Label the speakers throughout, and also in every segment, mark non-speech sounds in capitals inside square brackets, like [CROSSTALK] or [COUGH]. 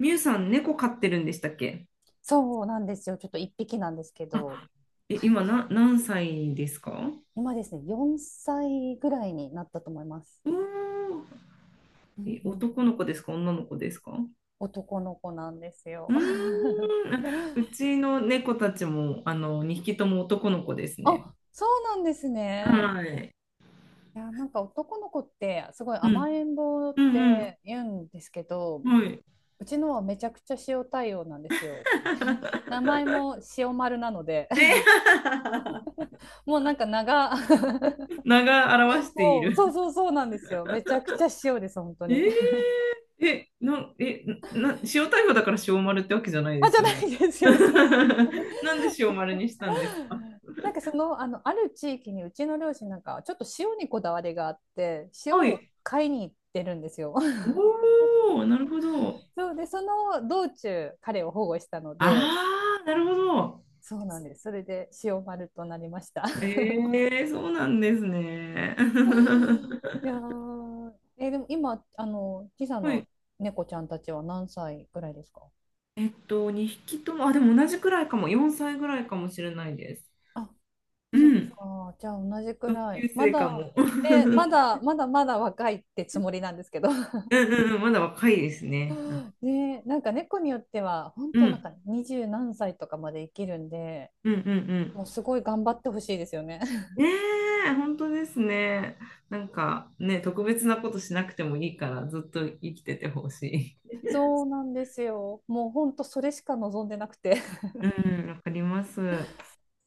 Speaker 1: みゆさん、猫飼ってるんでしたっけ？
Speaker 2: そうなんですよ。ちょっと一匹なんですけ
Speaker 1: あ、
Speaker 2: ど、
Speaker 1: え、
Speaker 2: はい。
Speaker 1: 今何歳ですか？
Speaker 2: 今ですね、4歳ぐらいになったと思います。
Speaker 1: おー、
Speaker 2: うん
Speaker 1: え、
Speaker 2: うん。
Speaker 1: 男の子ですか、女の子ですか？
Speaker 2: 男の子なんです
Speaker 1: う
Speaker 2: よ。
Speaker 1: ーん、
Speaker 2: [LAUGHS]
Speaker 1: うちの猫たちも、2匹とも男の子ですね。
Speaker 2: あ、そうなんですね。
Speaker 1: はい。
Speaker 2: いや、なんか男の子ってすごい
Speaker 1: うん、
Speaker 2: 甘えん坊っ
Speaker 1: うん、
Speaker 2: て言うんですけ
Speaker 1: う
Speaker 2: ど、
Speaker 1: ん、はい。
Speaker 2: うちのはめちゃくちゃ塩対応なんですよ。[LAUGHS] 名
Speaker 1: [LAUGHS]
Speaker 2: 前も塩丸なので、[LAUGHS]
Speaker 1: え、
Speaker 2: もうなんか[LAUGHS]
Speaker 1: 名が表してい
Speaker 2: もう
Speaker 1: る。
Speaker 2: そうそうそうなんですよ。めちゃくちゃ塩です、本当
Speaker 1: え
Speaker 2: に。
Speaker 1: ーえ、な、え、な、塩逮捕だから塩丸ってわけじゃないで
Speaker 2: あ、じ
Speaker 1: す
Speaker 2: ゃ
Speaker 1: よ
Speaker 2: な
Speaker 1: ね。
Speaker 2: いで
Speaker 1: [LAUGHS]
Speaker 2: すよ、そんな。
Speaker 1: なんで塩丸にしたんですか？
Speaker 2: [LAUGHS] なんかある地域にうちの両親なんか、ちょっと塩にこだわりがあって、塩
Speaker 1: は
Speaker 2: を
Speaker 1: い。
Speaker 2: 買いに行ってるんですよ。[LAUGHS]
Speaker 1: おお、なるほど。
Speaker 2: そうで、その道中、彼を保護したので、
Speaker 1: ああ、なるほど。
Speaker 2: そうなんです。それで塩丸となりました。
Speaker 1: ええ、そうなんですね。
Speaker 2: [LAUGHS] い
Speaker 1: [LAUGHS]
Speaker 2: やー、でも今、時差
Speaker 1: はい。
Speaker 2: の猫ちゃんたちは何歳ぐらいですか？
Speaker 1: 2匹とも、あ、でも同じくらいかも。4歳ぐらいかもしれないです。
Speaker 2: あ、
Speaker 1: う
Speaker 2: そっ
Speaker 1: ん。
Speaker 2: か、じゃあ同じく
Speaker 1: 同
Speaker 2: らい。
Speaker 1: 級
Speaker 2: ま
Speaker 1: 生か
Speaker 2: だ、
Speaker 1: も。[LAUGHS] うん、
Speaker 2: ね、まだ、まだまだ若いってつもりなんですけど。
Speaker 1: うん、うん、まだ若いですね。
Speaker 2: ねえ、なんか猫によっては、本
Speaker 1: う
Speaker 2: 当なん
Speaker 1: ん、
Speaker 2: か二十何歳とかまで生きるんで、
Speaker 1: うん、うん、うん。
Speaker 2: もうすごい頑張ってほしいですよね。[LAUGHS]
Speaker 1: ねえ、本当ですね。なんかね、特別なことしなくてもいいから、ずっと生きててほし
Speaker 2: そうなんですよ。もう本当それしか望んでなくて。
Speaker 1: い。うん、わかります。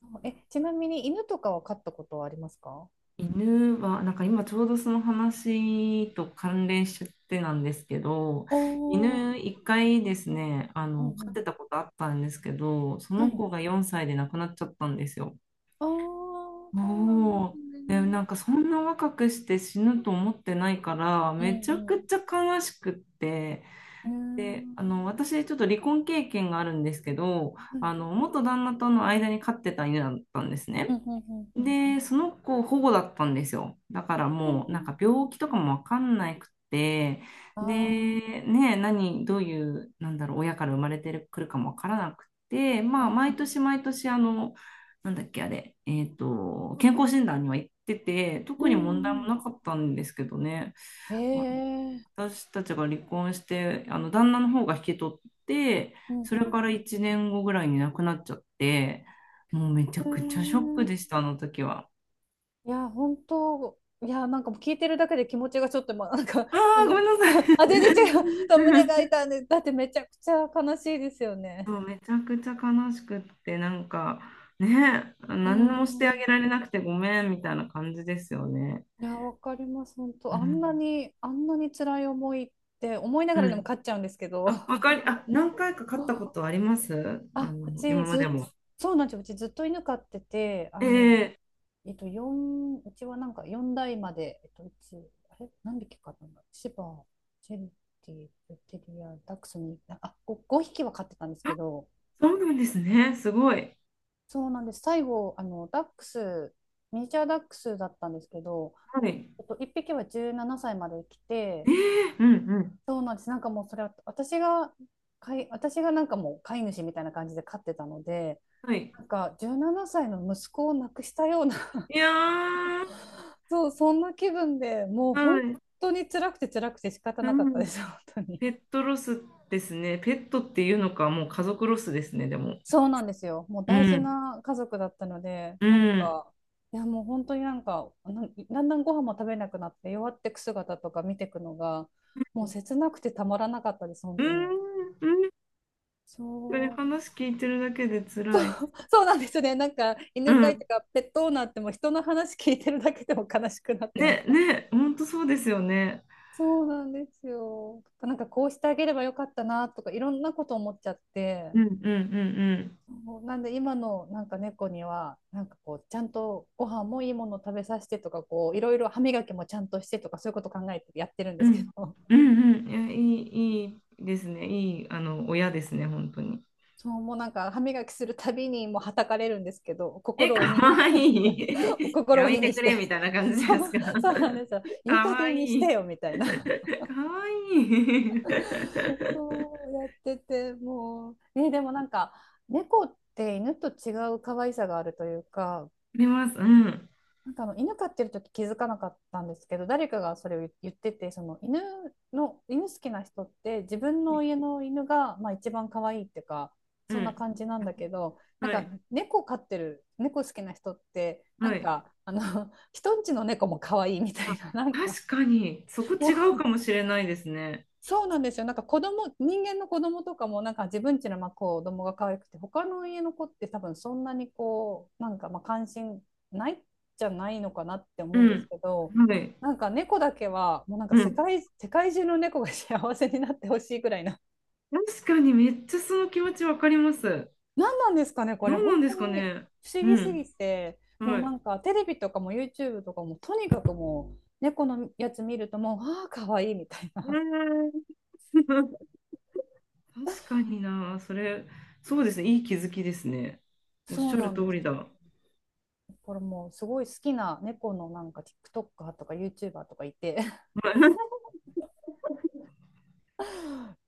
Speaker 2: [LAUGHS] え、ちなみに犬とかは飼ったことはありますか？
Speaker 1: 犬は、なんか今ちょうどその話と関連しちゃってなんですけど、
Speaker 2: おー、
Speaker 1: 犬一回ですね、
Speaker 2: うんう
Speaker 1: 飼っ
Speaker 2: ん。
Speaker 1: てたことあったんですけど、そ
Speaker 2: は
Speaker 1: の
Speaker 2: い。
Speaker 1: 子が4歳で亡くなっちゃったんですよ。
Speaker 2: ああ、そうなんです
Speaker 1: もう、で、
Speaker 2: ね。
Speaker 1: なんかそんな若くして死ぬと思ってないから、
Speaker 2: う
Speaker 1: めちゃく
Speaker 2: ん
Speaker 1: ちゃ悲しくって、
Speaker 2: う
Speaker 1: で、
Speaker 2: ん。ね
Speaker 1: 私ちょっと離婚経験があるんですけど、
Speaker 2: え。はい。
Speaker 1: 元旦那との間に飼ってた犬だったんです
Speaker 2: うん
Speaker 1: ね。
Speaker 2: うんうん
Speaker 1: で、その子保護だったんですよ。だから
Speaker 2: うん。
Speaker 1: もうなんか病気とかもわかんなくて、
Speaker 2: あ
Speaker 1: で、ね、何、どういう、なんだろう、親から生まれてくるかもわからなくて、
Speaker 2: あ
Speaker 1: まあ、
Speaker 2: ー、
Speaker 1: 毎年毎年、なんだっけ、あれ、健康診断には行ってて、
Speaker 2: う
Speaker 1: 特に
Speaker 2: ん。う
Speaker 1: 問題
Speaker 2: んう
Speaker 1: も
Speaker 2: ん。
Speaker 1: なかったんですけどね。
Speaker 2: ええ。
Speaker 1: 私たちが離婚して、あの旦那の方が引き取って、
Speaker 2: うん
Speaker 1: そ
Speaker 2: う
Speaker 1: れ
Speaker 2: んうん。
Speaker 1: から1年後ぐらいに亡くなっちゃって、もうめちゃ
Speaker 2: う
Speaker 1: くちゃショッ
Speaker 2: ん。
Speaker 1: クでした、あの時は。
Speaker 2: いや、本当、いや、なんかもう聞いてるだけで気持ちがちょっと、まあ、なんか、
Speaker 1: あ
Speaker 2: あ
Speaker 1: あ、ご
Speaker 2: の、
Speaker 1: めんなさ
Speaker 2: [LAUGHS]
Speaker 1: い。
Speaker 2: あ、全然違う。[LAUGHS] 胸が
Speaker 1: [LAUGHS]
Speaker 2: 痛んで、だってめちゃくちゃ悲しいですよ
Speaker 1: そ
Speaker 2: ね。
Speaker 1: うめちゃくちゃ悲しくって、なんかね、
Speaker 2: う
Speaker 1: 何もしてあげ
Speaker 2: ん。
Speaker 1: られなくてごめんみたいな感じですよね。
Speaker 2: いや、わかります。本当、
Speaker 1: う
Speaker 2: あんな
Speaker 1: ん。
Speaker 2: に、あんなに辛い思いって思いなが
Speaker 1: う
Speaker 2: らでも
Speaker 1: ん。
Speaker 2: 勝っちゃうんですけど。
Speaker 1: あ、わかり、あ、何回か勝ったことあります。
Speaker 2: あ、う
Speaker 1: 今
Speaker 2: ち
Speaker 1: ま
Speaker 2: ず
Speaker 1: で
Speaker 2: っ、
Speaker 1: も。
Speaker 2: そうなんですよ。うちずっと犬飼ってて、
Speaker 1: ええ、
Speaker 2: うちはなんか4代まで、うち、あれ何匹飼ったんだシバ、チェリティ、ルテリア、ダックスに、あ、5匹は飼ってたんですけど、
Speaker 1: そうなんですね。すごい。
Speaker 2: そうなんです。最後、ダックス、ミニチュアダックスだったんですけど、
Speaker 1: はい。
Speaker 2: 1匹は17歳まで生き
Speaker 1: え
Speaker 2: て、
Speaker 1: え、うん、うん、
Speaker 2: そうなんです。なんかもうそれは、私がなんかもう飼い主みたいな感じで飼ってたので、
Speaker 1: はい。
Speaker 2: なんか17歳の息子を亡くしたような [LAUGHS]
Speaker 1: いやー、
Speaker 2: そう、そんな気分でもう
Speaker 1: は
Speaker 2: 本
Speaker 1: い。
Speaker 2: 当に辛くて辛くて仕方
Speaker 1: う
Speaker 2: なかったで
Speaker 1: ん。
Speaker 2: す、[LAUGHS] 本当に。
Speaker 1: ペットロスですね。ペットっていうのか、もう家族ロスですね、でも。
Speaker 2: そうなんですよ。もう
Speaker 1: う
Speaker 2: 大事
Speaker 1: ん。
Speaker 2: な家族だったので、
Speaker 1: う
Speaker 2: なん
Speaker 1: ん。
Speaker 2: か、いやもう本当になんか、だんだんご飯も食べなくなって弱ってく姿とか見てくのが、もう切なくてたまらなかったです、本
Speaker 1: う
Speaker 2: 当に。
Speaker 1: ん。うん。これ
Speaker 2: そう、
Speaker 1: 話聞いてるだけで辛い。
Speaker 2: そうなんですね。なんか
Speaker 1: う
Speaker 2: 犬飼い
Speaker 1: ん。
Speaker 2: とかペットオーナーってもう人の話聞いてるだけでも悲しくなって、なん
Speaker 1: ね、
Speaker 2: か、
Speaker 1: ね、本当そうですよね。
Speaker 2: そうなんですよ。なんかこうしてあげればよかったなとかいろんなこと思っちゃって。
Speaker 1: うん、うん、うん、
Speaker 2: そうなんで今のなんか猫にはなんかこうちゃんとご飯もいいものを食べさせてとか、こういろいろ歯磨きもちゃんとしてとか、そういうこと考えてやってるん
Speaker 1: う
Speaker 2: ですけ
Speaker 1: ん。
Speaker 2: ど、
Speaker 1: うん。うん、うん。いや、いいですね。いい、親ですね、本当に。
Speaker 2: そうもうなんか歯磨きするたびにもうはたかれるんですけど、
Speaker 1: え、
Speaker 2: 心を
Speaker 1: か
Speaker 2: 鬼
Speaker 1: わい
Speaker 2: [LAUGHS]
Speaker 1: い。[LAUGHS]
Speaker 2: 心
Speaker 1: や
Speaker 2: を
Speaker 1: め
Speaker 2: 鬼
Speaker 1: て
Speaker 2: に
Speaker 1: く
Speaker 2: し
Speaker 1: れ、み
Speaker 2: て、
Speaker 1: たいな感じで
Speaker 2: そ
Speaker 1: す
Speaker 2: う、
Speaker 1: か。
Speaker 2: そうなんですよ、
Speaker 1: [LAUGHS] か
Speaker 2: いい加
Speaker 1: わい
Speaker 2: 減にして
Speaker 1: い。
Speaker 2: よみたいな。
Speaker 1: かわいい。
Speaker 2: [LAUGHS]
Speaker 1: [LAUGHS]
Speaker 2: そうやっててもう、ね、でもなんか猫って犬と違う可愛さがあるというか、
Speaker 1: あります。うん。
Speaker 2: なんかあの犬飼ってる時気づかなかったんですけど、誰かがそれを言ってて、犬好きな人って自分の家の犬が、まあ、一番可愛いっていうか、
Speaker 1: う
Speaker 2: そんな
Speaker 1: ん。
Speaker 2: 感じなんだけど、なん
Speaker 1: は
Speaker 2: か
Speaker 1: い。
Speaker 2: 猫飼ってる猫好きな人ってな
Speaker 1: は
Speaker 2: ん
Speaker 1: い。
Speaker 2: か[LAUGHS] 人んちの猫も可愛いみた
Speaker 1: あ、
Speaker 2: いな、なんか
Speaker 1: 確かに、そこ
Speaker 2: も
Speaker 1: 違
Speaker 2: う
Speaker 1: うかもしれないですね。
Speaker 2: そうなんですよ。なんか人間の子供とかもなんか自分家のまあ子供が可愛くて、他の家の子って多分そんなにこう、なんかまあ関心ないじゃないのかなって
Speaker 1: う
Speaker 2: 思うんです
Speaker 1: ん。
Speaker 2: けど、
Speaker 1: はい。
Speaker 2: なんか猫だけはもうなんか
Speaker 1: うん。
Speaker 2: 世界中の猫が幸せになってほしいぐらいな。
Speaker 1: 確かに、めっちゃその気持ちわかります。
Speaker 2: 何なんですかね、これ
Speaker 1: 何な
Speaker 2: 本
Speaker 1: んで
Speaker 2: 当
Speaker 1: すか
Speaker 2: に
Speaker 1: ね。
Speaker 2: 不思
Speaker 1: う
Speaker 2: 議す
Speaker 1: ん。
Speaker 2: ぎて、も
Speaker 1: は
Speaker 2: うな
Speaker 1: い。
Speaker 2: んかテレビとかも YouTube とかもとにかくもう猫のやつ見るともう、ああ、可愛いみたい
Speaker 1: う
Speaker 2: な。
Speaker 1: ーん。[LAUGHS] 確かにな、それ、そうですね、いい気づきですね。おっ
Speaker 2: そ
Speaker 1: し
Speaker 2: う
Speaker 1: ゃ
Speaker 2: な
Speaker 1: る
Speaker 2: ん
Speaker 1: 通
Speaker 2: です
Speaker 1: りだ。
Speaker 2: よ。
Speaker 1: はい。
Speaker 2: これもうすごい好きな猫のなんか TikToker とか YouTuber とかいて、 [LAUGHS]
Speaker 1: [LAUGHS]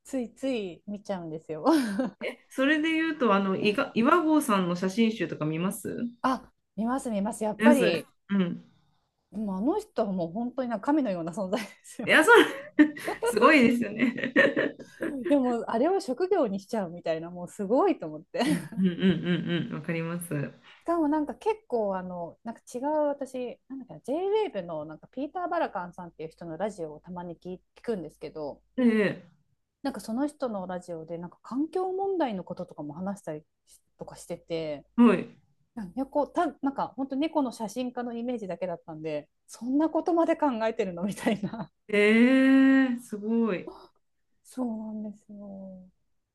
Speaker 2: ついつい見ちゃうんですよ。 [LAUGHS]。
Speaker 1: それで言うと、岩合さんの写真集とか見ます
Speaker 2: あ、見ます見ます、やっ
Speaker 1: で
Speaker 2: ぱ
Speaker 1: す。
Speaker 2: り
Speaker 1: うん。
Speaker 2: もうあの人はもう本当になんか神のような存在です
Speaker 1: い
Speaker 2: よ。
Speaker 1: や、そ
Speaker 2: [LAUGHS]。
Speaker 1: う、[LAUGHS] すごいですよね。[LAUGHS]
Speaker 2: いやもうあれを職業にしちゃうみたいな、もうすごいと思って。 [LAUGHS]。し
Speaker 1: うん、うん、うん、うん、うん、わかります。
Speaker 2: かもなんか結構なんか違う、私なんだっけな、 j ウェーブのなんかピーター・バラカンさんっていう人のラジオをたまに聞くんですけど、
Speaker 1: ええ、
Speaker 2: なんかその人のラジオでなんか環境問題のこととかも話したりとかしてて、
Speaker 1: はい。
Speaker 2: なんやこうたなんか本当猫の写真家のイメージだけだったんで、そんなことまで考えてるのみたいな、
Speaker 1: すごい。
Speaker 2: そうなんですよ。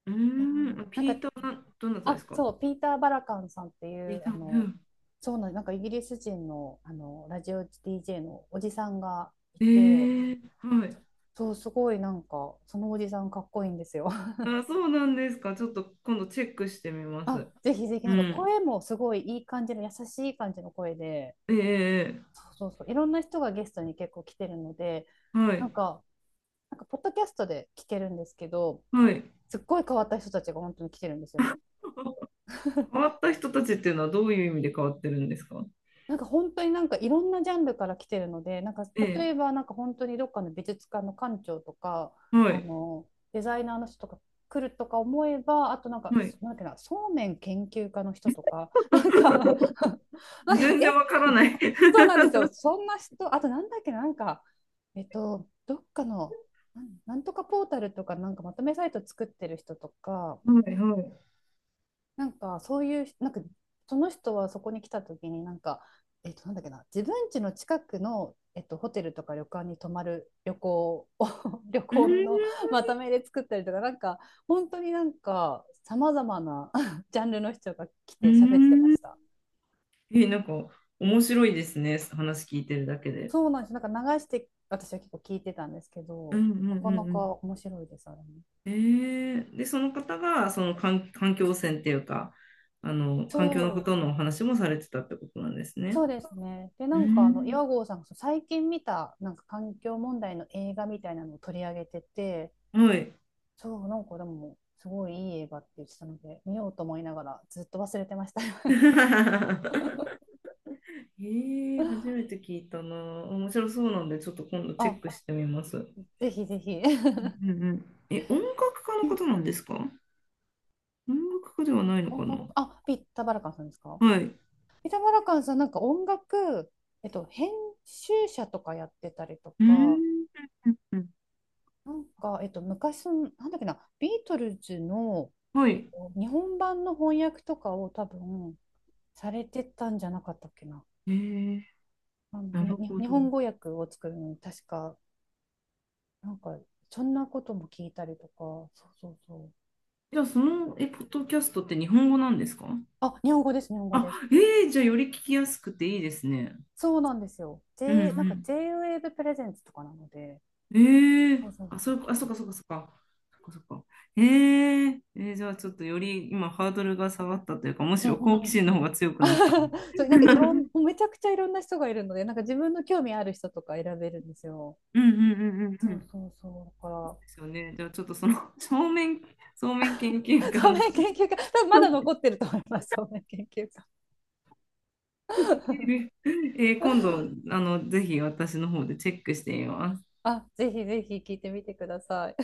Speaker 1: うー
Speaker 2: いやなん
Speaker 1: ピ
Speaker 2: か、
Speaker 1: ーターどなたで
Speaker 2: あ、
Speaker 1: すか？
Speaker 2: そう、ピーター・バラカンさんってい
Speaker 1: ピー
Speaker 2: う
Speaker 1: ター、うん。
Speaker 2: そうなんなんかイギリス人の、あのラジオ DJ のおじさんがい
Speaker 1: え
Speaker 2: て、
Speaker 1: はい。
Speaker 2: そうすごいなんかそのおじさんかっこいいんですよ。 [LAUGHS]
Speaker 1: あ、そうなんですか。ちょっと今度チェックしてみま
Speaker 2: あ、
Speaker 1: す。
Speaker 2: ぜひぜひ、
Speaker 1: う
Speaker 2: なんか
Speaker 1: ん。
Speaker 2: 声もすごいいい感じの優しい感じの声で、
Speaker 1: ええ、え
Speaker 2: そうそうそう、いろんな人がゲストに結構来てるので、
Speaker 1: え、は
Speaker 2: な
Speaker 1: い。
Speaker 2: んかポッドキャストで聞けるんですけど、
Speaker 1: はい。
Speaker 2: すっごい変わった人たちが本当に来てるんですよ。
Speaker 1: [LAUGHS] 変わっ
Speaker 2: [LAUGHS]。
Speaker 1: た人たちっていうのはどういう意味で変わってるんですか？
Speaker 2: なんか本当になんかいろんなジャンルから来てるので、なんか
Speaker 1: え
Speaker 2: 例
Speaker 1: え、
Speaker 2: えばなんか本当にどっかの美術館の館長とか、
Speaker 1: は
Speaker 2: あ
Speaker 1: い。
Speaker 2: のデザイナーの人とか来るとか思えば、あとなんか
Speaker 1: はい。
Speaker 2: なんだ、そうめん研究家の人とか、 [LAUGHS] なんか [LAUGHS] なんか
Speaker 1: [LAUGHS] 全然
Speaker 2: え
Speaker 1: わからな
Speaker 2: [LAUGHS]
Speaker 1: い。
Speaker 2: そうなんですよ。そんな人、あとなんだっけ、なんかどっかの、なんとかポータルとか、なんかまとめサイト作ってる人とか、
Speaker 1: はい、はい。う
Speaker 2: なんかそういうなんか、その人はそこに来た時になんかなんだっけな、自分家の近くの、ホテルとか旅館に泊まる旅行を [LAUGHS] 旅
Speaker 1: ー
Speaker 2: 行の
Speaker 1: ん。
Speaker 2: まとめで作ったりとか、なんか本当になんかさまざまな [LAUGHS] ジャンルの人が来
Speaker 1: う
Speaker 2: て喋ってま
Speaker 1: ー
Speaker 2: し
Speaker 1: ん。
Speaker 2: た。
Speaker 1: なんか面白いですね。話聞いてるだけで。
Speaker 2: そうなんです、なんか流して私は結構聞いてたんですけ
Speaker 1: う
Speaker 2: ど、
Speaker 1: ん、うん、
Speaker 2: な
Speaker 1: う
Speaker 2: かな
Speaker 1: ん、う
Speaker 2: か
Speaker 1: ん。
Speaker 2: 面白いですあれね。
Speaker 1: えで、その方がその環境汚染っていうか、
Speaker 2: そ
Speaker 1: 環境のこ
Speaker 2: う
Speaker 1: とのお話もされてたってことなんですね。
Speaker 2: そうですね。で、な
Speaker 1: う
Speaker 2: んかあの
Speaker 1: ん。
Speaker 2: 岩合さんがそう最近見たなんか環境問題の映画みたいなのを取り上げてて、
Speaker 1: はい。
Speaker 2: そう、なんかでもすごいいい映画って言ってたので、見ようと思いながらずっと忘れてました。
Speaker 1: [LAUGHS] え初
Speaker 2: [LAUGHS]
Speaker 1: めて聞いたな。面白そうなんで、ちょっと今度チェッ
Speaker 2: あ、
Speaker 1: クしてみます。う
Speaker 2: ぜひぜひ。
Speaker 1: ん、うん、うん。え、音楽家の方な
Speaker 2: [LAUGHS]
Speaker 1: んですか？音楽家ではないの
Speaker 2: 音
Speaker 1: か
Speaker 2: 楽、
Speaker 1: な？
Speaker 2: あ、ピッタ・バラカンさんですか？
Speaker 1: はい。
Speaker 2: ピッタ・バラカンさん、なんか音楽、編集者とかやってたりと
Speaker 1: うー
Speaker 2: か、
Speaker 1: ん、うん、うん、
Speaker 2: なんか、昔の、なんだっけな、ビートルズの、
Speaker 1: はい。
Speaker 2: 日本版の翻訳とかを多分、されてたんじゃなかったっけな。
Speaker 1: えー、
Speaker 2: あの
Speaker 1: な
Speaker 2: に
Speaker 1: る
Speaker 2: に
Speaker 1: ほ
Speaker 2: 日
Speaker 1: ど。
Speaker 2: 本語訳を作るのに確か、なんか、そんなことも聞いたりとか、そうそうそう。
Speaker 1: じゃあ、ポッドキャストって日本語なんですか？
Speaker 2: あ、日本語です、日本語
Speaker 1: あ、
Speaker 2: です。
Speaker 1: じゃあ、より聞きやすくていいですね。
Speaker 2: そうなんですよ。
Speaker 1: う
Speaker 2: なんか
Speaker 1: ん、
Speaker 2: J-Wave プレゼンツとかなので、
Speaker 1: うん。
Speaker 2: そうそう
Speaker 1: あ、
Speaker 2: そ
Speaker 1: そう、あ、そう
Speaker 2: う。
Speaker 1: か、そうか、そうか。そうか、そうか。じゃあ、ちょっとより今、ハードルが下がったというか、むし
Speaker 2: うん
Speaker 1: ろ
Speaker 2: うん
Speaker 1: 好奇
Speaker 2: うん。
Speaker 1: 心の方が強くなった。
Speaker 2: [LAUGHS] そう、
Speaker 1: [LAUGHS]
Speaker 2: な
Speaker 1: う
Speaker 2: んかいろん、
Speaker 1: ん、
Speaker 2: めちゃくちゃいろんな人がいるので、なんか自分の興味ある人とか選べるんですよ。
Speaker 1: うん、うん、うん、
Speaker 2: そ
Speaker 1: うん。
Speaker 2: うそ
Speaker 1: で
Speaker 2: うそう。だか
Speaker 1: すよね。じゃあ、ちょっとその [LAUGHS]、正面研究
Speaker 2: ら、[LAUGHS]
Speaker 1: 家
Speaker 2: そう
Speaker 1: の。
Speaker 2: めん研究家、多分まだ
Speaker 1: [LAUGHS]
Speaker 2: 残ってると思います、そうめん研究家。
Speaker 1: 今度、ぜひ私の方でチェックしてみます。
Speaker 2: あ、ぜひぜひ聞いてみてください。